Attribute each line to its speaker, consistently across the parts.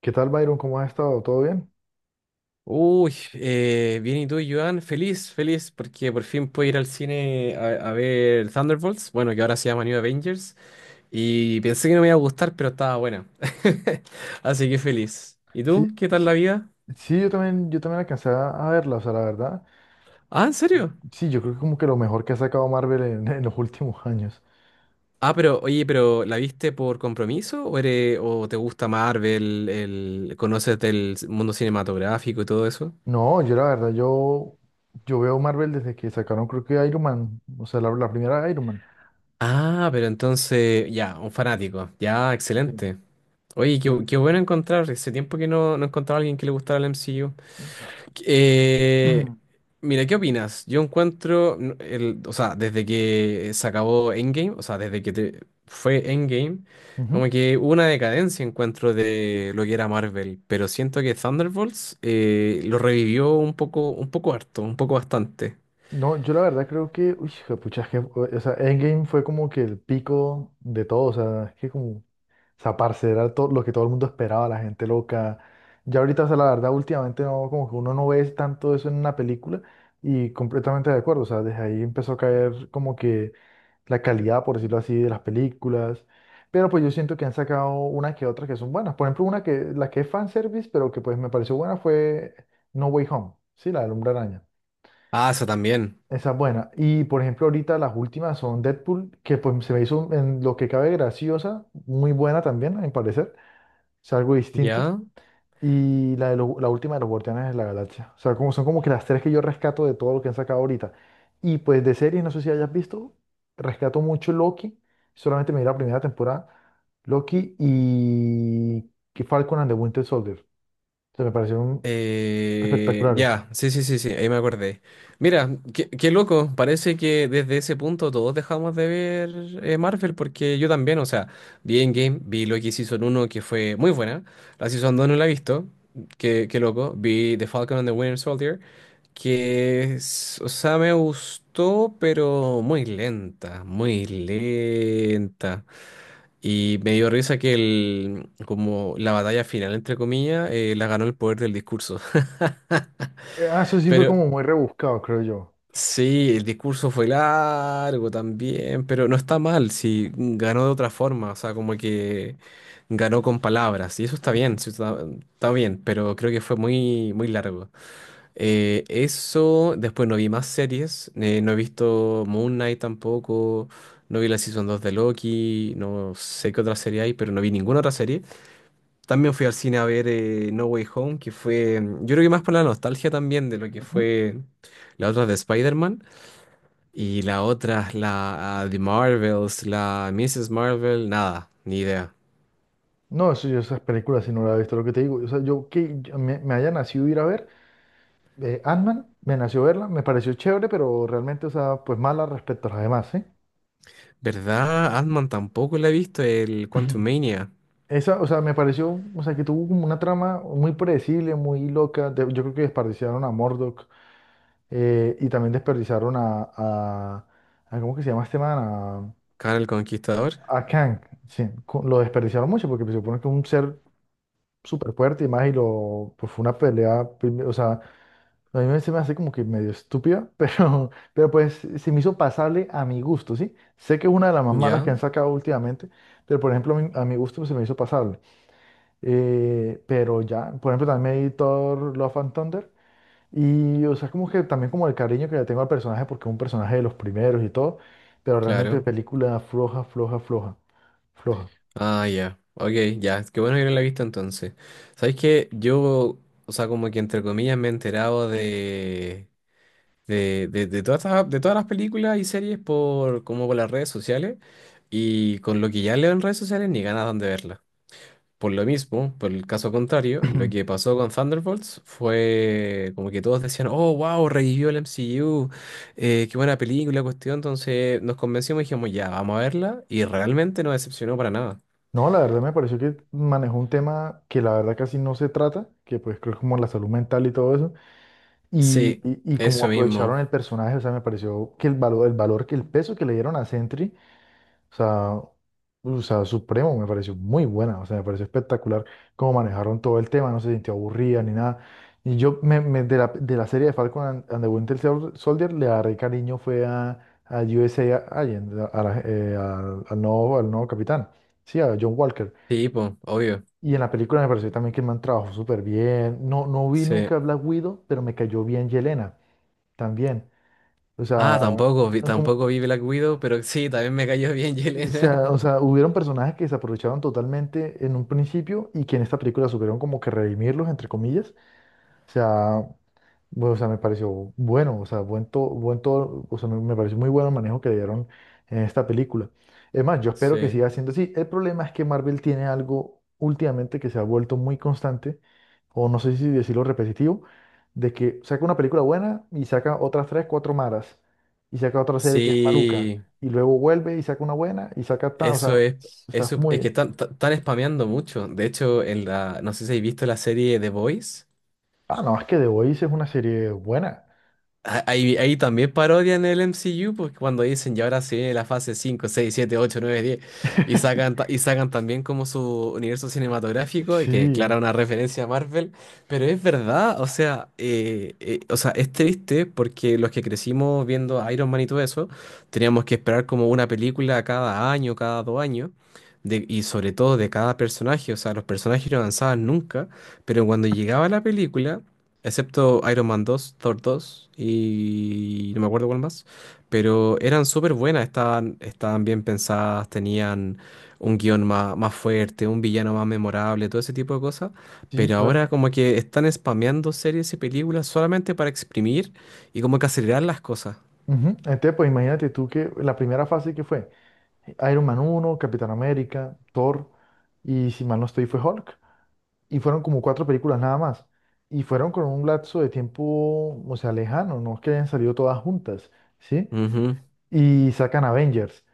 Speaker 1: ¿Qué tal, Byron? ¿Cómo has estado? ¿Todo bien?
Speaker 2: Uy, bien, ¿y tú, Joan? Feliz, feliz, porque por fin puedo ir al cine a ver Thunderbolts, bueno, que ahora se llama New Avengers, y pensé que no me iba a gustar, pero estaba buena. Así que feliz. ¿Y
Speaker 1: Sí,
Speaker 2: tú? ¿Qué tal la
Speaker 1: sí,
Speaker 2: vida?
Speaker 1: sí, yo también alcancé a verla, o sea, la verdad.
Speaker 2: Ah, ¿en serio?
Speaker 1: Sí, yo creo que como que lo mejor que ha sacado Marvel en los últimos años.
Speaker 2: Ah, pero, oye, pero ¿la viste por compromiso o, o te gusta Marvel, conoces del mundo cinematográfico y todo eso?
Speaker 1: No, yo la verdad, yo veo Marvel desde que sacaron, creo que Iron Man, o sea, la primera Iron Man.
Speaker 2: Ah, pero entonces, ya, un fanático, ya,
Speaker 1: Sí.
Speaker 2: excelente. Oye,
Speaker 1: Sí.
Speaker 2: qué bueno encontrar. Hace tiempo que no encontraba a alguien que le gustara el MCU. Eh, Mira, ¿qué opinas? Yo encuentro, o sea, desde que se acabó Endgame, o sea, desde que fue Endgame,
Speaker 1: Ujú.
Speaker 2: como que hubo una decadencia, encuentro, de lo que era Marvel. Pero siento que Thunderbolts lo revivió un poco harto, un poco bastante.
Speaker 1: No, yo la verdad creo que, uy, pucha, es que, o sea, Endgame fue como que el pico de todo, o sea, es que o sea, parce, era todo lo que todo el mundo esperaba, la gente loca. Ya ahorita, o sea, la verdad, últimamente no, como que uno no ve tanto eso en una película y completamente de acuerdo. O sea, desde ahí empezó a caer como que la calidad, por decirlo así, de las películas. Pero pues yo siento que han sacado una que otra que son buenas. Por ejemplo, una la que es fanservice, pero que pues me pareció buena fue No Way Home, sí, la del Hombre Araña.
Speaker 2: Ah, eso también.
Speaker 1: Esa es buena. Y, por ejemplo, ahorita las últimas son Deadpool, que pues se me hizo en lo que cabe graciosa, muy buena también, a mi parecer. O sea, algo distinto.
Speaker 2: ¿Ya?
Speaker 1: Y la última de los Guardianes de la Galaxia. O sea, como, son como que las tres que yo rescato de todo lo que han sacado ahorita. Y pues de series, no sé si hayas visto, rescato mucho Loki. Solamente me vi la primera temporada. Loki y que Falcon and the Winter Soldier. O sea, me parecieron espectaculares.
Speaker 2: Ya, sí, sí, sí, sí, ahí me acordé. Mira, qué loco, parece que desde ese punto todos dejamos de ver Marvel, porque yo también, o sea, vi Endgame, vi Loki Season 1 que fue muy buena, la Season 2 no la he visto. Qué loco, vi The Falcon and the Winter Soldier, o sea, me gustó, pero muy lenta, muy lenta. Y me dio risa que como la batalla final, entre comillas, la ganó el poder del discurso.
Speaker 1: Eso sí fue
Speaker 2: Pero
Speaker 1: como muy rebuscado, creo yo.
Speaker 2: sí, el discurso fue largo también, pero no está mal, si ganó de otra forma, o sea, como que ganó con palabras, y eso está bien, sí, está bien, pero creo que fue muy, muy largo. Eso, después no vi más series, no he visto Moon Knight tampoco, no vi la Season 2 de Loki, no sé qué otra serie hay, pero no vi ninguna otra serie. También fui al cine a ver No Way Home, que fue, yo creo que más por la nostalgia también de lo que
Speaker 1: Ujú.
Speaker 2: fue la otra de Spider-Man y la otra, la de Marvels, la Mrs. Marvel, nada, ni idea.
Speaker 1: No, eso yo esas películas si no las he visto, lo que te digo. O sea, yo que yo- me haya nacido ir a ver. Ant-Man, me nació verla, me pareció chévere, pero realmente, o sea, pues mala respecto a las demás, ¿sí?
Speaker 2: ¿Verdad? Ant-Man tampoco la he visto, el Quantumania,
Speaker 1: Esa, o sea, me pareció, o sea, que tuvo como una trama muy predecible, muy loca. Yo creo que desperdiciaron a Murdoch y también desperdiciaron a ¿cómo que se llama este man?
Speaker 2: Khan el Conquistador.
Speaker 1: A Kang, sí. Lo desperdiciaron mucho porque se supone que es un ser súper fuerte y más y lo, pues fue una pelea, o sea, a mí se me hace como que medio estúpida, pero pues se me hizo pasable a mi gusto, ¿sí? Sé que es una de las más malas que
Speaker 2: Ya,
Speaker 1: han sacado últimamente, pero por ejemplo a mi gusto se me hizo pasable. Pero ya, por ejemplo también me vi Thor Love and Thunder y o sea como que también como el cariño que le tengo al personaje porque es un personaje de los primeros y todo, pero realmente
Speaker 2: claro.
Speaker 1: película floja, floja, floja, floja.
Speaker 2: Ah, ya. Ok, ya, qué bueno que no la he visto entonces. ¿Sabes qué? Yo, o sea, como que entre comillas me he enterado de... de todas las películas y series por como por las redes sociales, y con lo que ya leo en redes sociales ni ganas dan de verla. Por lo mismo, por el caso contrario, lo que pasó con Thunderbolts fue como que todos decían, oh, wow, revivió el MCU, qué buena película, cuestión. Entonces nos convencimos y dijimos, ya, vamos a verla y realmente no decepcionó para nada.
Speaker 1: No, la verdad me pareció que manejó un tema que la verdad casi no se trata, que pues creo que como la salud mental y todo eso. Y,
Speaker 2: Sí,
Speaker 1: y, y como
Speaker 2: eso
Speaker 1: aprovecharon
Speaker 2: mismo.
Speaker 1: el personaje, o sea, me pareció que el valor, que el peso que le dieron a Sentry, o sea, o sea, supremo, me pareció muy buena, o sea, me pareció espectacular cómo manejaron todo el tema, no se sintió aburrida ni nada. Y de de la serie de Falcon and the Soldier, le agarré cariño fue a USA Agent, al al nuevo capitán, sí, a John Walker.
Speaker 2: Sí, po, obvio.
Speaker 1: Y en la película me pareció también que el man trabajó súper bien. No, no vi
Speaker 2: Sí.
Speaker 1: nunca Black Widow, pero me cayó bien Yelena también. O sea,
Speaker 2: Ah, tampoco vi,
Speaker 1: ah, como,
Speaker 2: tampoco vi Black Widow, pero sí, también me cayó bien Yelena.
Speaker 1: o sea, hubieron personajes que se aprovecharon totalmente en un principio y que en esta película supieron como que redimirlos, entre comillas. O sea, bueno, o sea, me pareció bueno, o sea, buen todo, o sea, me pareció muy bueno el manejo que le dieron en esta película. Es más, yo espero que
Speaker 2: Sí.
Speaker 1: siga siendo así. El problema es que Marvel tiene algo últimamente que se ha vuelto muy constante, o no sé si decirlo repetitivo, de que saca una película buena y saca otras tres, cuatro malas, y saca otra serie que es maluca,
Speaker 2: Sí,
Speaker 1: y luego vuelve y saca una buena y saca tal, o
Speaker 2: eso
Speaker 1: sea,
Speaker 2: es,
Speaker 1: está
Speaker 2: eso es que
Speaker 1: muy...
Speaker 2: están spameando mucho. De hecho, no sé si habéis visto la serie The Boys.
Speaker 1: Ah, no, es que The Voice es una serie buena.
Speaker 2: Ah, ahí también parodian el MCU, porque cuando dicen, y ahora sí viene la fase 5 6 7 8 9 10 y sacan, y sacan también como su universo cinematográfico, y que es
Speaker 1: Sí,
Speaker 2: clara una referencia a Marvel, pero es verdad, o sea, es triste porque los que crecimos viendo Iron Man y todo eso, teníamos que esperar como una película cada año, cada 2 años, y sobre todo de cada personaje, o sea, los personajes no avanzaban nunca, pero cuando llegaba la película. Excepto Iron Man 2, Thor 2 y no me acuerdo cuál más. Pero eran súper buenas, estaban bien pensadas, tenían un guión más, más fuerte, un villano más memorable, todo ese tipo de cosas.
Speaker 1: sí,
Speaker 2: Pero
Speaker 1: claro.
Speaker 2: ahora como que están spameando series y películas solamente para exprimir y como que acelerar las cosas.
Speaker 1: Ujú. Entonces, pues imagínate tú que la primera fase que fue Iron Man uno, Capitán América, Thor y si mal no estoy fue Hulk. Y fueron como cuatro películas nada más. Y fueron con un lapso de tiempo, o sea, lejano, no es que hayan salido todas juntas, ¿sí?
Speaker 2: Ujú,
Speaker 1: Y sacan Avengers.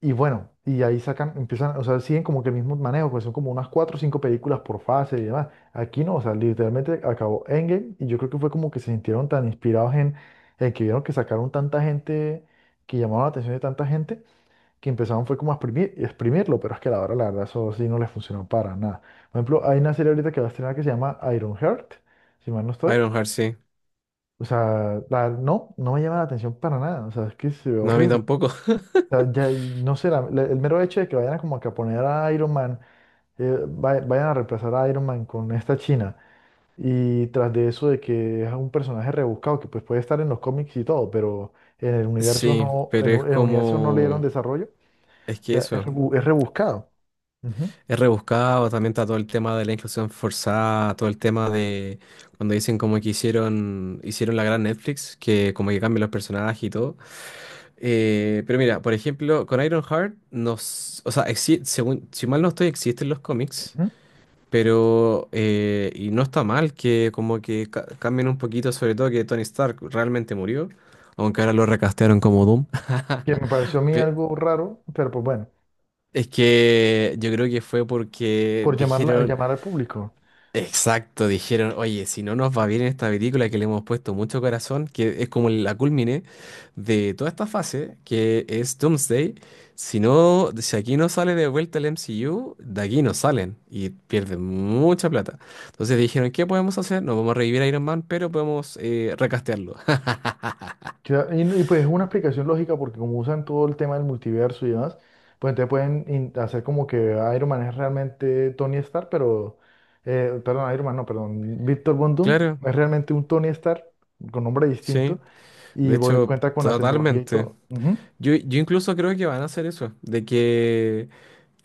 Speaker 1: Y bueno, y ahí sacan, empiezan, o sea, siguen como que el mismo manejo, pues son como unas cuatro o cinco películas por fase y demás. Aquí no, o sea, literalmente acabó Endgame y yo creo que fue como que se sintieron tan inspirados en que vieron que sacaron tanta gente, que llamaron la atención de tanta gente, que empezaron fue como a exprimir, exprimirlo, pero es que a la hora, la verdad, eso sí no les funcionó para nada. Por ejemplo, hay una serie ahorita que va a estrenar que se llama Ironheart si mal no estoy.
Speaker 2: Ironheart, sí.
Speaker 1: O sea, no, no me llama la atención para nada, o sea, es que se ve
Speaker 2: No, a mí
Speaker 1: horrible
Speaker 2: tampoco.
Speaker 1: sea, ya, no sé, el mero hecho de que vayan a como que a poner a Iron Man, vayan a reemplazar a Iron Man con esta China, y tras de eso de que es un personaje rebuscado que pues puede estar en los cómics y todo, pero en el universo
Speaker 2: Sí,
Speaker 1: no,
Speaker 2: pero es
Speaker 1: en el universo no le dieron
Speaker 2: como...
Speaker 1: desarrollo,
Speaker 2: Es
Speaker 1: o
Speaker 2: que
Speaker 1: sea, es,
Speaker 2: eso.
Speaker 1: es rebuscado. Ujú,
Speaker 2: Es rebuscado, también está todo el tema de la inclusión forzada, todo el tema de cuando dicen como que hicieron la gran Netflix, que como que cambian los personajes y todo. Pero mira, por ejemplo, con Ironheart, o sea, según, si mal no estoy, existen los cómics,
Speaker 1: ujú.
Speaker 2: pero y no está mal que como que cambien un poquito, sobre todo que Tony Stark realmente murió, aunque ahora lo recastearon como Doom.
Speaker 1: Que me pareció a mí
Speaker 2: Pe-
Speaker 1: algo raro, pero pues bueno,
Speaker 2: Es que yo creo que fue porque
Speaker 1: por
Speaker 2: dijeron...
Speaker 1: llamar al público.
Speaker 2: Exacto, dijeron, oye, si no nos va bien en esta película que le hemos puesto mucho corazón, que es como la culmine de toda esta fase, que es Doomsday, si no, si aquí no sale de vuelta el MCU, de aquí no salen y pierden mucha plata. Entonces dijeron, ¿qué podemos hacer? No vamos a revivir a Iron Man, pero podemos recastearlo.
Speaker 1: Y pues es una explicación lógica porque como usan todo el tema del multiverso y demás, pues entonces pueden hacer como que Iron Man es realmente Tony Stark, pero, perdón, Iron Man, no, perdón, Víctor Von Doom
Speaker 2: Claro,
Speaker 1: es realmente un Tony Stark con nombre
Speaker 2: sí,
Speaker 1: distinto
Speaker 2: de
Speaker 1: y voy,
Speaker 2: hecho,
Speaker 1: cuenta con la tecnología y
Speaker 2: totalmente.
Speaker 1: todo. Ujú,
Speaker 2: Yo incluso creo que van a hacer eso, de que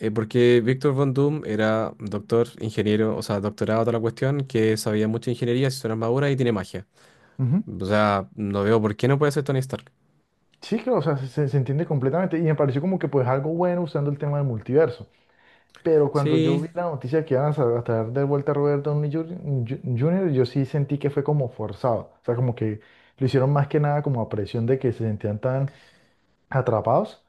Speaker 2: Porque Víctor Von Doom era doctor, ingeniero, o sea, doctorado toda la cuestión, que sabía mucha ingeniería, se hizo una armadura y tiene magia.
Speaker 1: ujú.
Speaker 2: O sea, no veo por qué no puede ser Tony Stark.
Speaker 1: Sí, claro, o sea, se entiende completamente y me pareció como que pues algo bueno usando el tema del multiverso. Pero cuando yo
Speaker 2: Sí,
Speaker 1: vi la noticia que iban a traer de vuelta a Robert Downey Junior junior, yo sí sentí que fue como forzado. O sea, como que lo hicieron más que nada como a presión de que se sentían tan atrapados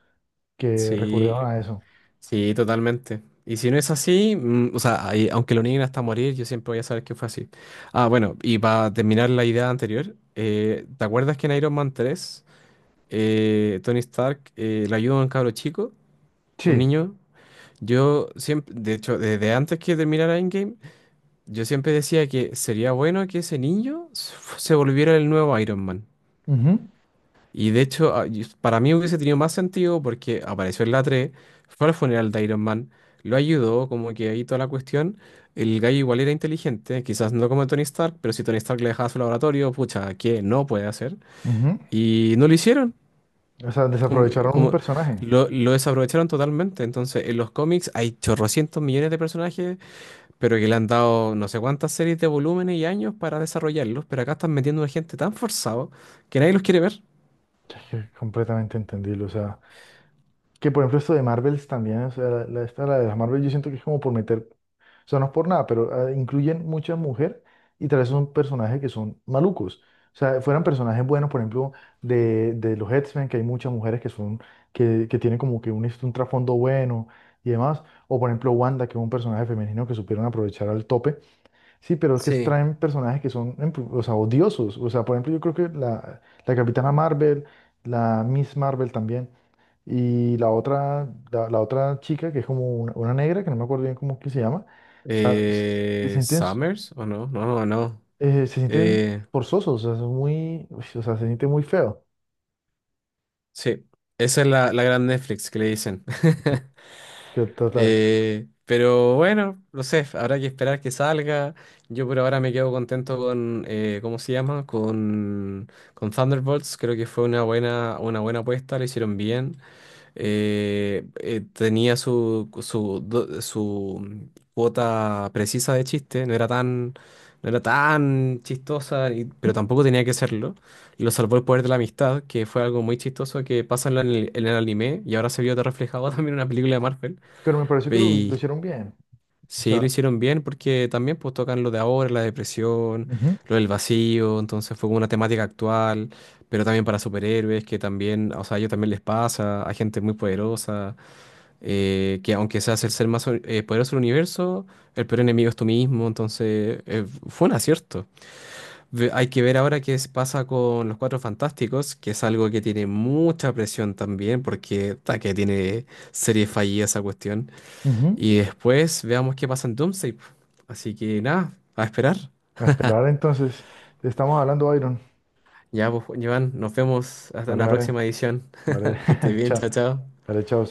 Speaker 1: que
Speaker 2: sí,
Speaker 1: recurrieron a eso.
Speaker 2: sí, totalmente. Y si no es así, o sea, ahí, aunque lo nieguen hasta morir, yo siempre voy a saber que fue así. Ah, bueno, y para terminar la idea anterior, ¿te acuerdas que en Iron Man 3 Tony Stark le ayuda a un cabro chico, un
Speaker 1: Sí.
Speaker 2: niño? Yo siempre, de hecho, desde antes que terminara Endgame, yo siempre decía que sería bueno que ese niño se volviera el nuevo Iron Man.
Speaker 1: Ujú,
Speaker 2: Y de hecho, para mí hubiese tenido más sentido porque apareció en la tres, fue al funeral de Iron Man, lo ayudó, como que ahí toda la cuestión. El gallo igual era inteligente, quizás no como Tony Stark, pero si Tony Stark le dejaba su laboratorio, pucha, ¿qué no puede hacer?
Speaker 1: ujú.
Speaker 2: Y no lo hicieron.
Speaker 1: O sea,
Speaker 2: Como,
Speaker 1: desaprovecharon un
Speaker 2: como
Speaker 1: personaje.
Speaker 2: lo desaprovecharon totalmente. Entonces, en los cómics hay chorrocientos millones de personajes, pero que le han dado no sé cuántas series de volúmenes y años para desarrollarlos, pero acá están metiendo una gente tan forzado que nadie los quiere ver.
Speaker 1: Es que completamente entendible. O sea, que por ejemplo esto de Marvels también, o sea, esta, la de las Marvel, yo siento que es como por meter. O sea, no es por nada, pero incluyen muchas mujeres y tal vez son personajes que son malucos. O sea, fueran personajes buenos, por ejemplo, de los X-Men, que hay muchas mujeres que son, que tienen como que un, un trasfondo bueno y demás. O por ejemplo, Wanda, que es un personaje femenino que supieron aprovechar al tope. Sí, pero es que
Speaker 2: Sí.
Speaker 1: traen personajes que son, em, o sea, odiosos. O sea, por ejemplo, yo creo que la Capitana Marvel, la Miss Marvel también. Y la otra, la otra chica, que es como una negra, que no me acuerdo bien cómo es que se llama, o sea, se, se sienten,
Speaker 2: ¿Summers? ¿O no? No, no, no.
Speaker 1: se sienten
Speaker 2: Eh,
Speaker 1: forzosos, o sea, son muy, uy, o sea, se siente muy feo,
Speaker 2: sí, esa es la gran Netflix que le dicen.
Speaker 1: ujú. Que total.
Speaker 2: Pero bueno, no sé, habrá que esperar que salga. Yo por ahora me quedo contento con, ¿cómo se llama? Con Thunderbolts. Creo que fue una buena apuesta, lo hicieron bien. Tenía su cuota precisa de chiste, no era tan chistosa, pero
Speaker 1: Ujú.
Speaker 2: tampoco tenía que serlo. Lo salvó el poder de la amistad, que fue algo muy chistoso que pasa en el anime y ahora se vio reflejado también en una película de Marvel.
Speaker 1: Pero me pareció que lo
Speaker 2: Y
Speaker 1: hicieron bien, o
Speaker 2: sí, lo
Speaker 1: sea,
Speaker 2: hicieron bien porque también pues, tocan lo de ahora, la depresión,
Speaker 1: ujú,
Speaker 2: lo del vacío, entonces fue como una temática actual. Pero también para superhéroes, que también, o sea, a ellos también les pasa, a gente muy poderosa que aunque seas el ser más poderoso del universo, el peor enemigo es tú mismo, entonces fue un acierto. Hay que ver ahora qué pasa con los Cuatro Fantásticos, que es algo que tiene mucha presión también, porque que tiene serie fallida esa cuestión.
Speaker 1: ujú.
Speaker 2: Y después veamos qué pasa en Doomsday, po. Así que nada, a esperar.
Speaker 1: A esperar entonces, te estamos hablando, Byron.
Speaker 2: Ya, pues, Joan, nos vemos hasta
Speaker 1: Vale,
Speaker 2: una
Speaker 1: vale,
Speaker 2: próxima edición.
Speaker 1: vale,
Speaker 2: Que estés bien,
Speaker 1: chao,
Speaker 2: chao, chao.
Speaker 1: vale, chao.